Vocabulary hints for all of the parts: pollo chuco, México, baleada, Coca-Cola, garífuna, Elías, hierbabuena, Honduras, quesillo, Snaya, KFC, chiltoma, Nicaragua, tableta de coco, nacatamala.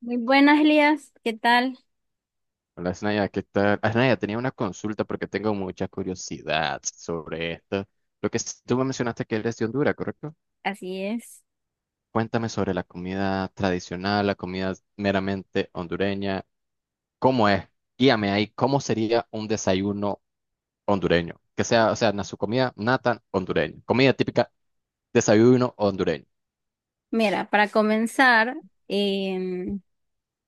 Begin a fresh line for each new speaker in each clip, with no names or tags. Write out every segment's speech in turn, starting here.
Muy buenas, Elías. ¿Qué tal?
Hola, Snaya, ¿qué tal? Snaya, tenía una consulta porque tengo mucha curiosidad sobre esto. Tú me mencionaste que eres de Honduras, ¿correcto?
Así es.
Cuéntame sobre la comida tradicional, la comida meramente hondureña. ¿Cómo es? Guíame ahí, ¿cómo sería un desayuno hondureño? Que sea, o sea, su comida nata hondureña. Comida típica, desayuno hondureño.
Mira, para comenzar, em,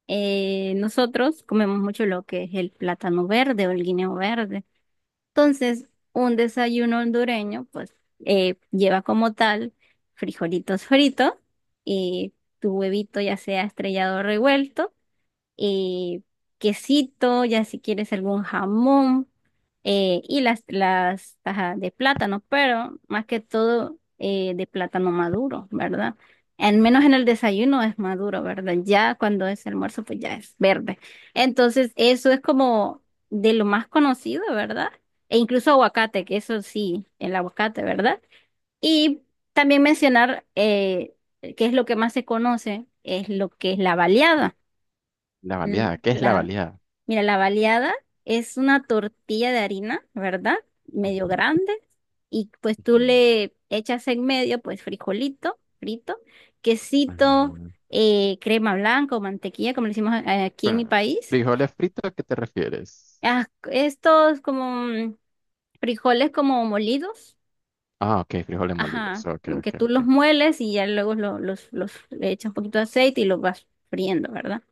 nosotros comemos mucho lo que es el plátano verde o el guineo verde. Entonces, un desayuno hondureño, pues, lleva como tal frijolitos fritos y tu huevito ya sea estrellado o revuelto. eh, Quesito, ya si quieres algún jamón, y las tajas de plátano, pero más que todo, de plátano maduro, ¿verdad? Al menos en el desayuno es maduro, ¿verdad? Ya cuando es almuerzo, pues ya es verde. Entonces, eso es como de lo más conocido, ¿verdad? E incluso aguacate, que eso sí, el aguacate, ¿verdad? Y también mencionar, qué es lo que más se conoce, es lo que es la baleada.
La baleada, ¿qué es la
La,
baleada?
Mira, la baleada es una tortilla de harina, ¿verdad? Medio
Ujú,
grande. Y pues tú
ujú,
le echas en medio, pues frijolito, frito, quesito,
ujú.
crema blanca o mantequilla, como le decimos aquí en mi
Bueno,
país.
frijoles fritos, ¿a qué te refieres?
Ah, estos como frijoles como molidos,
Ah, ok, frijoles molidos.
ajá,
Ok,
como que
ok,
tú los
ok.
mueles y ya luego le echas un poquito de aceite y los vas friendo, ¿verdad?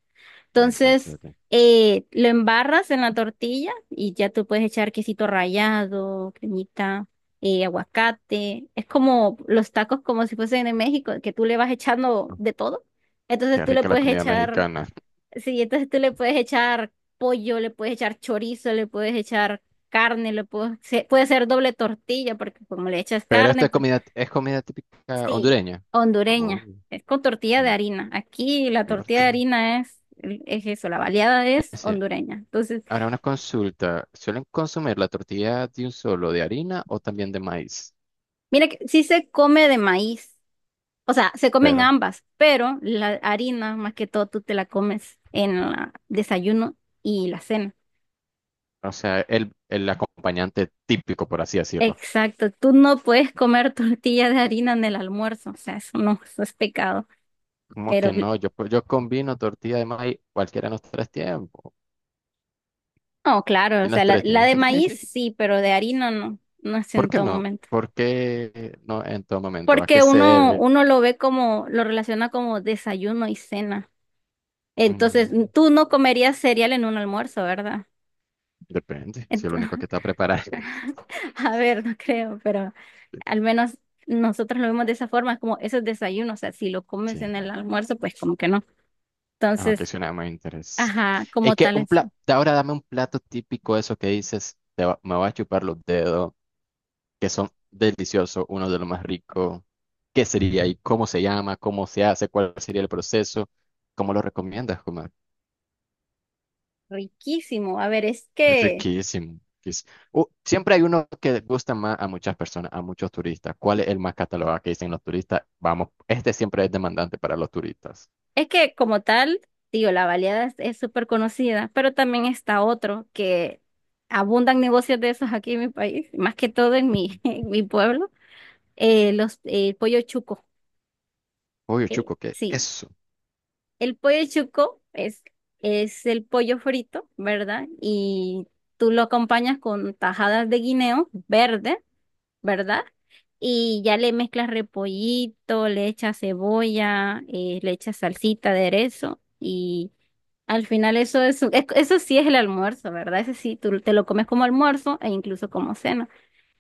Ok, ok,
Entonces,
ok.
lo embarras en la tortilla y ya tú puedes echar quesito rallado, cremita, aguacate. Es como los tacos como si fuesen en México, que tú le vas echando
Oh,
de todo. Entonces
qué
tú le
rica la
puedes
comida
echar,
mexicana.
sí, entonces tú le puedes echar pollo, le puedes echar chorizo, le puedes echar carne, le puedes, puede ser doble tortilla, porque como le echas
Pero
carne,
esta
pues
es comida típica
sí,
hondureña. Oh,
hondureña. Es con tortilla de
mm,
harina. Aquí la
qué
tortilla de
fuerte.
harina es eso, la baleada es
Ese.
hondureña. Entonces,
Ahora una consulta. ¿Suelen consumir la tortilla de un solo de harina o también de maíz?
mira que sí se come de maíz. O sea, se comen
Pero,
ambas, pero la harina, más que todo, tú te la comes en el desayuno y la cena.
o sea, el acompañante típico, por así decirlo.
Exacto, tú no puedes comer tortilla de harina en el almuerzo, o sea, eso no, eso es pecado.
¿Cómo que
Pero
no? Yo, pues, yo combino tortilla de maíz cualquiera en los tres tiempos.
no, claro, o
En
sea,
las tres
la
tiempos.
de maíz sí, pero de harina no, no es
¿Por
en
qué
todo
no?
momento.
¿Por qué no en todo momento? ¿A qué
Porque
se
uno,
debe?
uno lo ve como, lo relaciona como desayuno y cena. Entonces,
Mm,
tú no comerías cereal en un almuerzo, ¿verdad?
depende, si el
Ento-
único que está preparado.
a ver, no creo, pero al menos nosotros lo vemos de esa forma, como eso es desayuno, o sea, si lo
Sí,
comes en el almuerzo, pues como que no.
ah, que
Entonces,
suena más interesante.
ajá,
Es
como
que
tal
un
es
plato, ahora dame un plato típico, eso que dices, me va a chupar los dedos, que son deliciosos, uno de los más ricos. ¿Qué sería y cómo se llama? ¿Cómo se hace? ¿Cuál sería el proceso? ¿Cómo lo recomiendas, Kumar?
riquísimo. A ver, es
Es
que
riquísimo. Riquísimo. Siempre hay uno que gusta más a muchas personas, a muchos turistas. ¿Cuál es el más catalogado que dicen los turistas? Vamos, este siempre es demandante para los turistas.
es que como tal, digo, la baleada es súper conocida, pero también está otro que abundan negocios de esos aquí en mi país, más que todo en mi,
Ujú.
en mi pueblo, el pollo chuco.
Pollo chuco, ¿qué es
Sí,
eso?
el pollo chuco es el pollo frito, ¿verdad? Y tú lo acompañas con tajadas de guineo verde, ¿verdad? Y ya le mezclas repollito, le echas cebolla, le echas salsita, aderezo y al final eso es, eso sí es el almuerzo, ¿verdad? Ese sí, tú te lo comes como almuerzo e incluso como cena.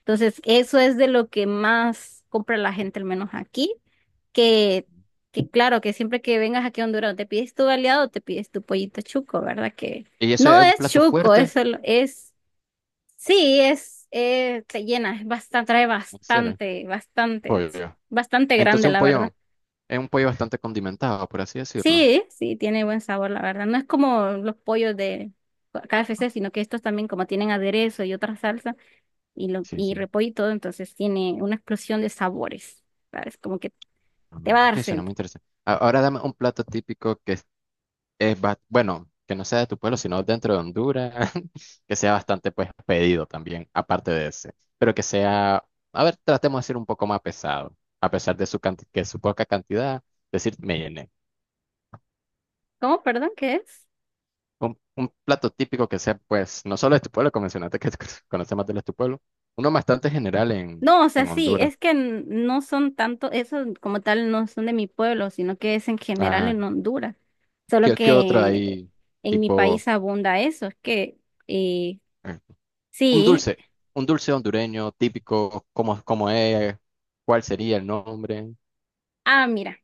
Entonces, eso es de lo que más compra la gente, al menos aquí, que, que claro, que siempre que vengas aquí a Honduras o te pides tu baleado o te pides tu pollito chuco, ¿verdad? Que
¿Y eso
no
es un
es
plato
chuco,
fuerte?
eso es, es sí, es, te llena, es trae
¿En serio?
bastante, bastante,
Pollo.
bastante grande,
Entonces un
la verdad.
pollo, es un pollo bastante condimentado, por así decirlo.
Sí, sí, tiene buen sabor, la verdad. No es como los pollos de KFC, sino que estos también como tienen aderezo y otra salsa y,
Sí,
y
sí.
repollo y todo, entonces tiene una explosión de sabores, ¿sabes? Como que te
Mm.
va a dar
Ok, suena
sed.
muy interesante. Ahora dame un plato típico que bueno, que no sea de tu pueblo, sino dentro de Honduras, que sea bastante pues pedido también, aparte de ese, pero que sea, a ver, tratemos de ser un poco más pesado, a pesar de que su poca cantidad, decir, me llené.
¿Cómo? Perdón, ¿qué es?
Un plato típico que sea pues, no solo de tu pueblo, como mencionaste que conoce más de los tu pueblo, uno bastante general
No, o sea,
en
sí,
Honduras.
es que no son tanto, eso como tal no son de mi pueblo, sino que es en general
Ah,
en Honduras. Solo
¿qué, qué otro
que
hay?
en mi
Tipo,
país abunda eso, es que eh,
eh, un
sí.
dulce, un dulce hondureño típico, ¿cómo, cómo es? ¿Cuál sería el nombre?
Ah, mira,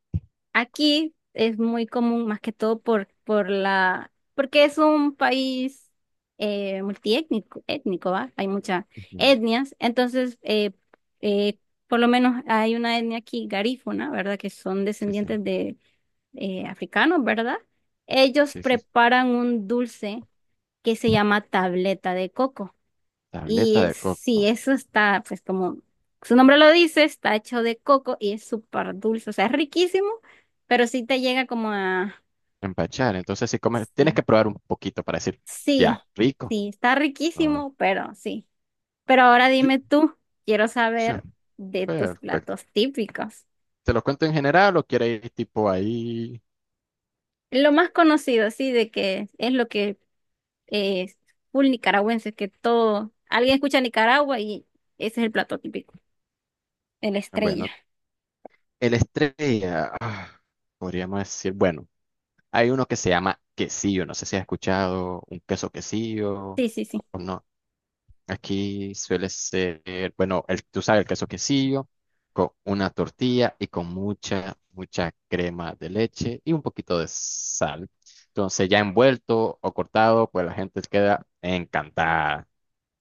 aquí es muy común más que todo por la, porque es un país, multiétnico, étnico, ¿va? Hay muchas
Ujú.
etnias, entonces eh, por lo menos hay una etnia aquí, garífuna, ¿verdad? Que son
Sí, sí,
descendientes de africanos, ¿verdad? Ellos
sí, sí.
preparan un dulce que se llama tableta de coco. Y
Tableta de
sí,
coco.
eso está, pues como su nombre lo dice, está hecho de coco y es súper dulce. O sea, es riquísimo, pero sí te llega como a...
Empachar. Entonces, si comes, tienes
Sí,
que probar un poquito para decir,
sí,
ya, rico.
sí, está
Ah,
riquísimo, pero sí. Pero ahora
yo-
dime tú, quiero
sí,
saber de tus
perfecto.
platos típicos.
¿Te lo cuento en general o quieres ir tipo ahí?
Lo más conocido, sí, de que es lo que eh, full nicaragüenses, que todo, alguien escucha Nicaragua y ese es el plato típico, el estrella.
Bueno, el estrella, ah, podríamos decir, bueno. Hay uno que se llama quesillo, no sé si has escuchado un queso quesillo
Sí, sí, sí.
o no. Aquí suele ser, bueno, el, tú sabes, el queso quesillo con una tortilla y con mucha, mucha crema de leche y un poquito de sal. Entonces, ya envuelto o cortado, pues la gente queda encantada.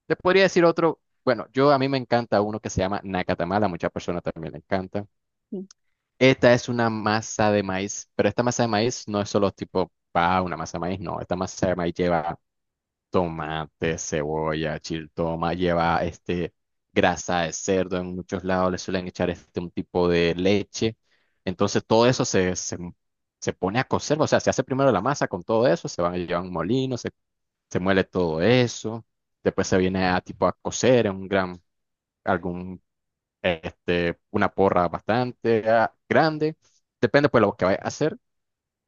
Te podría decir otro, bueno, yo a mí me encanta uno que se llama nacatamala, a muchas personas también le encanta. Esta es una masa de maíz, pero esta masa de maíz no es solo tipo, ah, una masa de maíz, no. Esta masa de maíz lleva tomate, cebolla, chiltoma, lleva este grasa de cerdo. En muchos lados le suelen echar este un tipo de leche. Entonces todo eso se pone a cocer, o sea, se hace primero la masa con todo eso, se van a llevar a un molino, se muele todo eso. Después se viene a tipo a cocer en un gran, algún este, una porra bastante ah, grande, depende pues lo que vayas a hacer.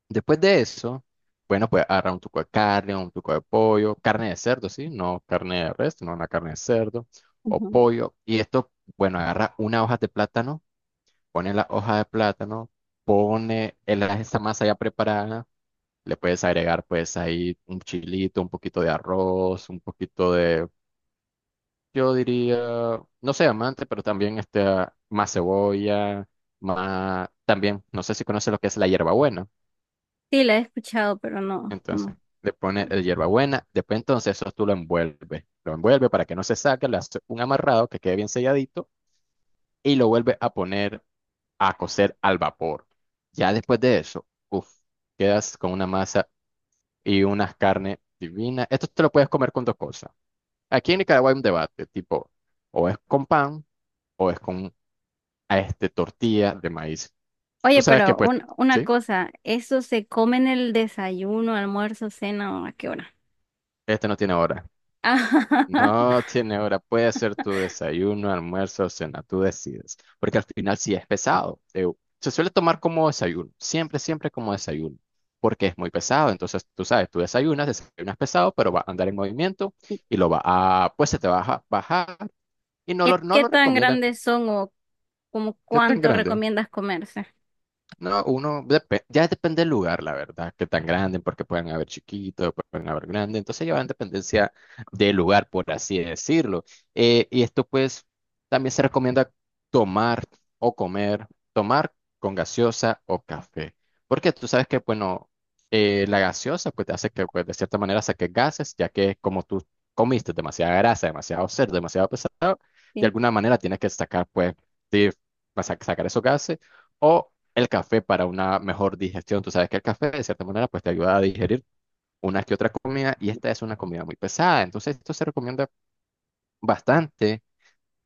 Después de eso, bueno, pues agarrar un tuco de carne, un tuco de pollo, carne de cerdo, sí, no carne de res, no una carne de cerdo o
Ujú.
pollo. Y esto, bueno, agarra una hoja de plátano, pone la hoja de plátano, esa masa ya preparada, le puedes agregar pues ahí un chilito, un poquito de arroz, un poquito de yo diría, no sé, amante, pero también este, más cebolla, más, también, no sé si conoces lo que es la hierbabuena.
Sí, la he escuchado, pero no,
Entonces,
no.
le pones
No.
el hierbabuena, después entonces eso tú lo envuelves para que no se saque, le haces un amarrado que quede bien selladito y lo vuelves a poner a cocer al vapor. Ya después de eso, uff, quedas con una masa y unas carnes divinas. Esto te lo puedes comer con dos cosas. Aquí en Nicaragua hay un debate, tipo, o es con pan, o es con a este tortilla de maíz. Tú
Oye,
sabes que
pero
pues,
una
¿sí?
cosa, ¿eso se come en el desayuno, almuerzo, cena o a qué hora?
Este no tiene hora.
Ah,
No tiene hora. Puede ser tu desayuno, almuerzo o cena, tú decides. Porque al final sí es pesado. Se suele tomar como desayuno, siempre, siempre como desayuno. Porque es muy pesado. Entonces, tú sabes, tú desayunas, desayunas pesado, pero va a andar en movimiento
¿y
y pues se te va a bajar y no
qué
lo
tan
recomiendan.
grandes son o como
¿Qué tan
cuánto
grande?
recomiendas comerse?
No, uno ya depende del lugar, la verdad, que tan grande, porque pueden haber chiquitos, pueden haber grandes, entonces ya va en dependencia del lugar, por así decirlo. Y esto pues también se recomienda tomar o comer, tomar con gaseosa o café, porque tú sabes que, bueno, la gaseosa pues te hace que pues, de cierta manera saques gases, ya que como tú comiste demasiada grasa, demasiado cerdo, demasiado pesado, de
Sí,
alguna manera tienes que sacar pues, de- sacar esos gases. O el café para una mejor digestión. Tú sabes que el café, de cierta manera, pues te ayuda a digerir una que otra comida y esta es una comida muy pesada. Entonces, esto se recomienda bastante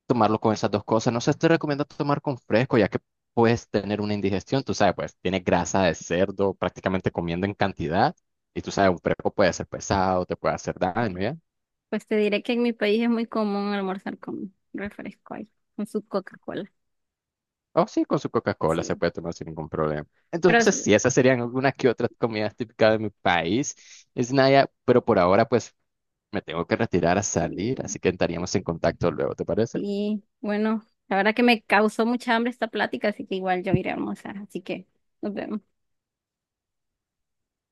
tomarlo con esas dos cosas. No se te recomienda tomar con fresco, ya que puedes tener una indigestión. Tú sabes, pues tiene grasa de cerdo prácticamente comiendo en cantidad. Y tú sabes, un fresco puede ser pesado, te puede hacer daño, ¿ya?
pues te diré que en mi país es muy común almorzar con refresco ahí, con su Coca-Cola.
O sí, con su Coca-Cola se
Sí,
puede tomar sin ningún problema.
pero
Entonces, sí, esas serían algunas que otras comidas típicas de mi país. Es Naya, pero por ahora, pues me tengo que retirar a
sí,
salir, así que estaríamos en contacto luego, ¿te parece?
y bueno, la verdad que me causó mucha hambre esta plática, así que igual yo iré a almorzar. Así que nos vemos.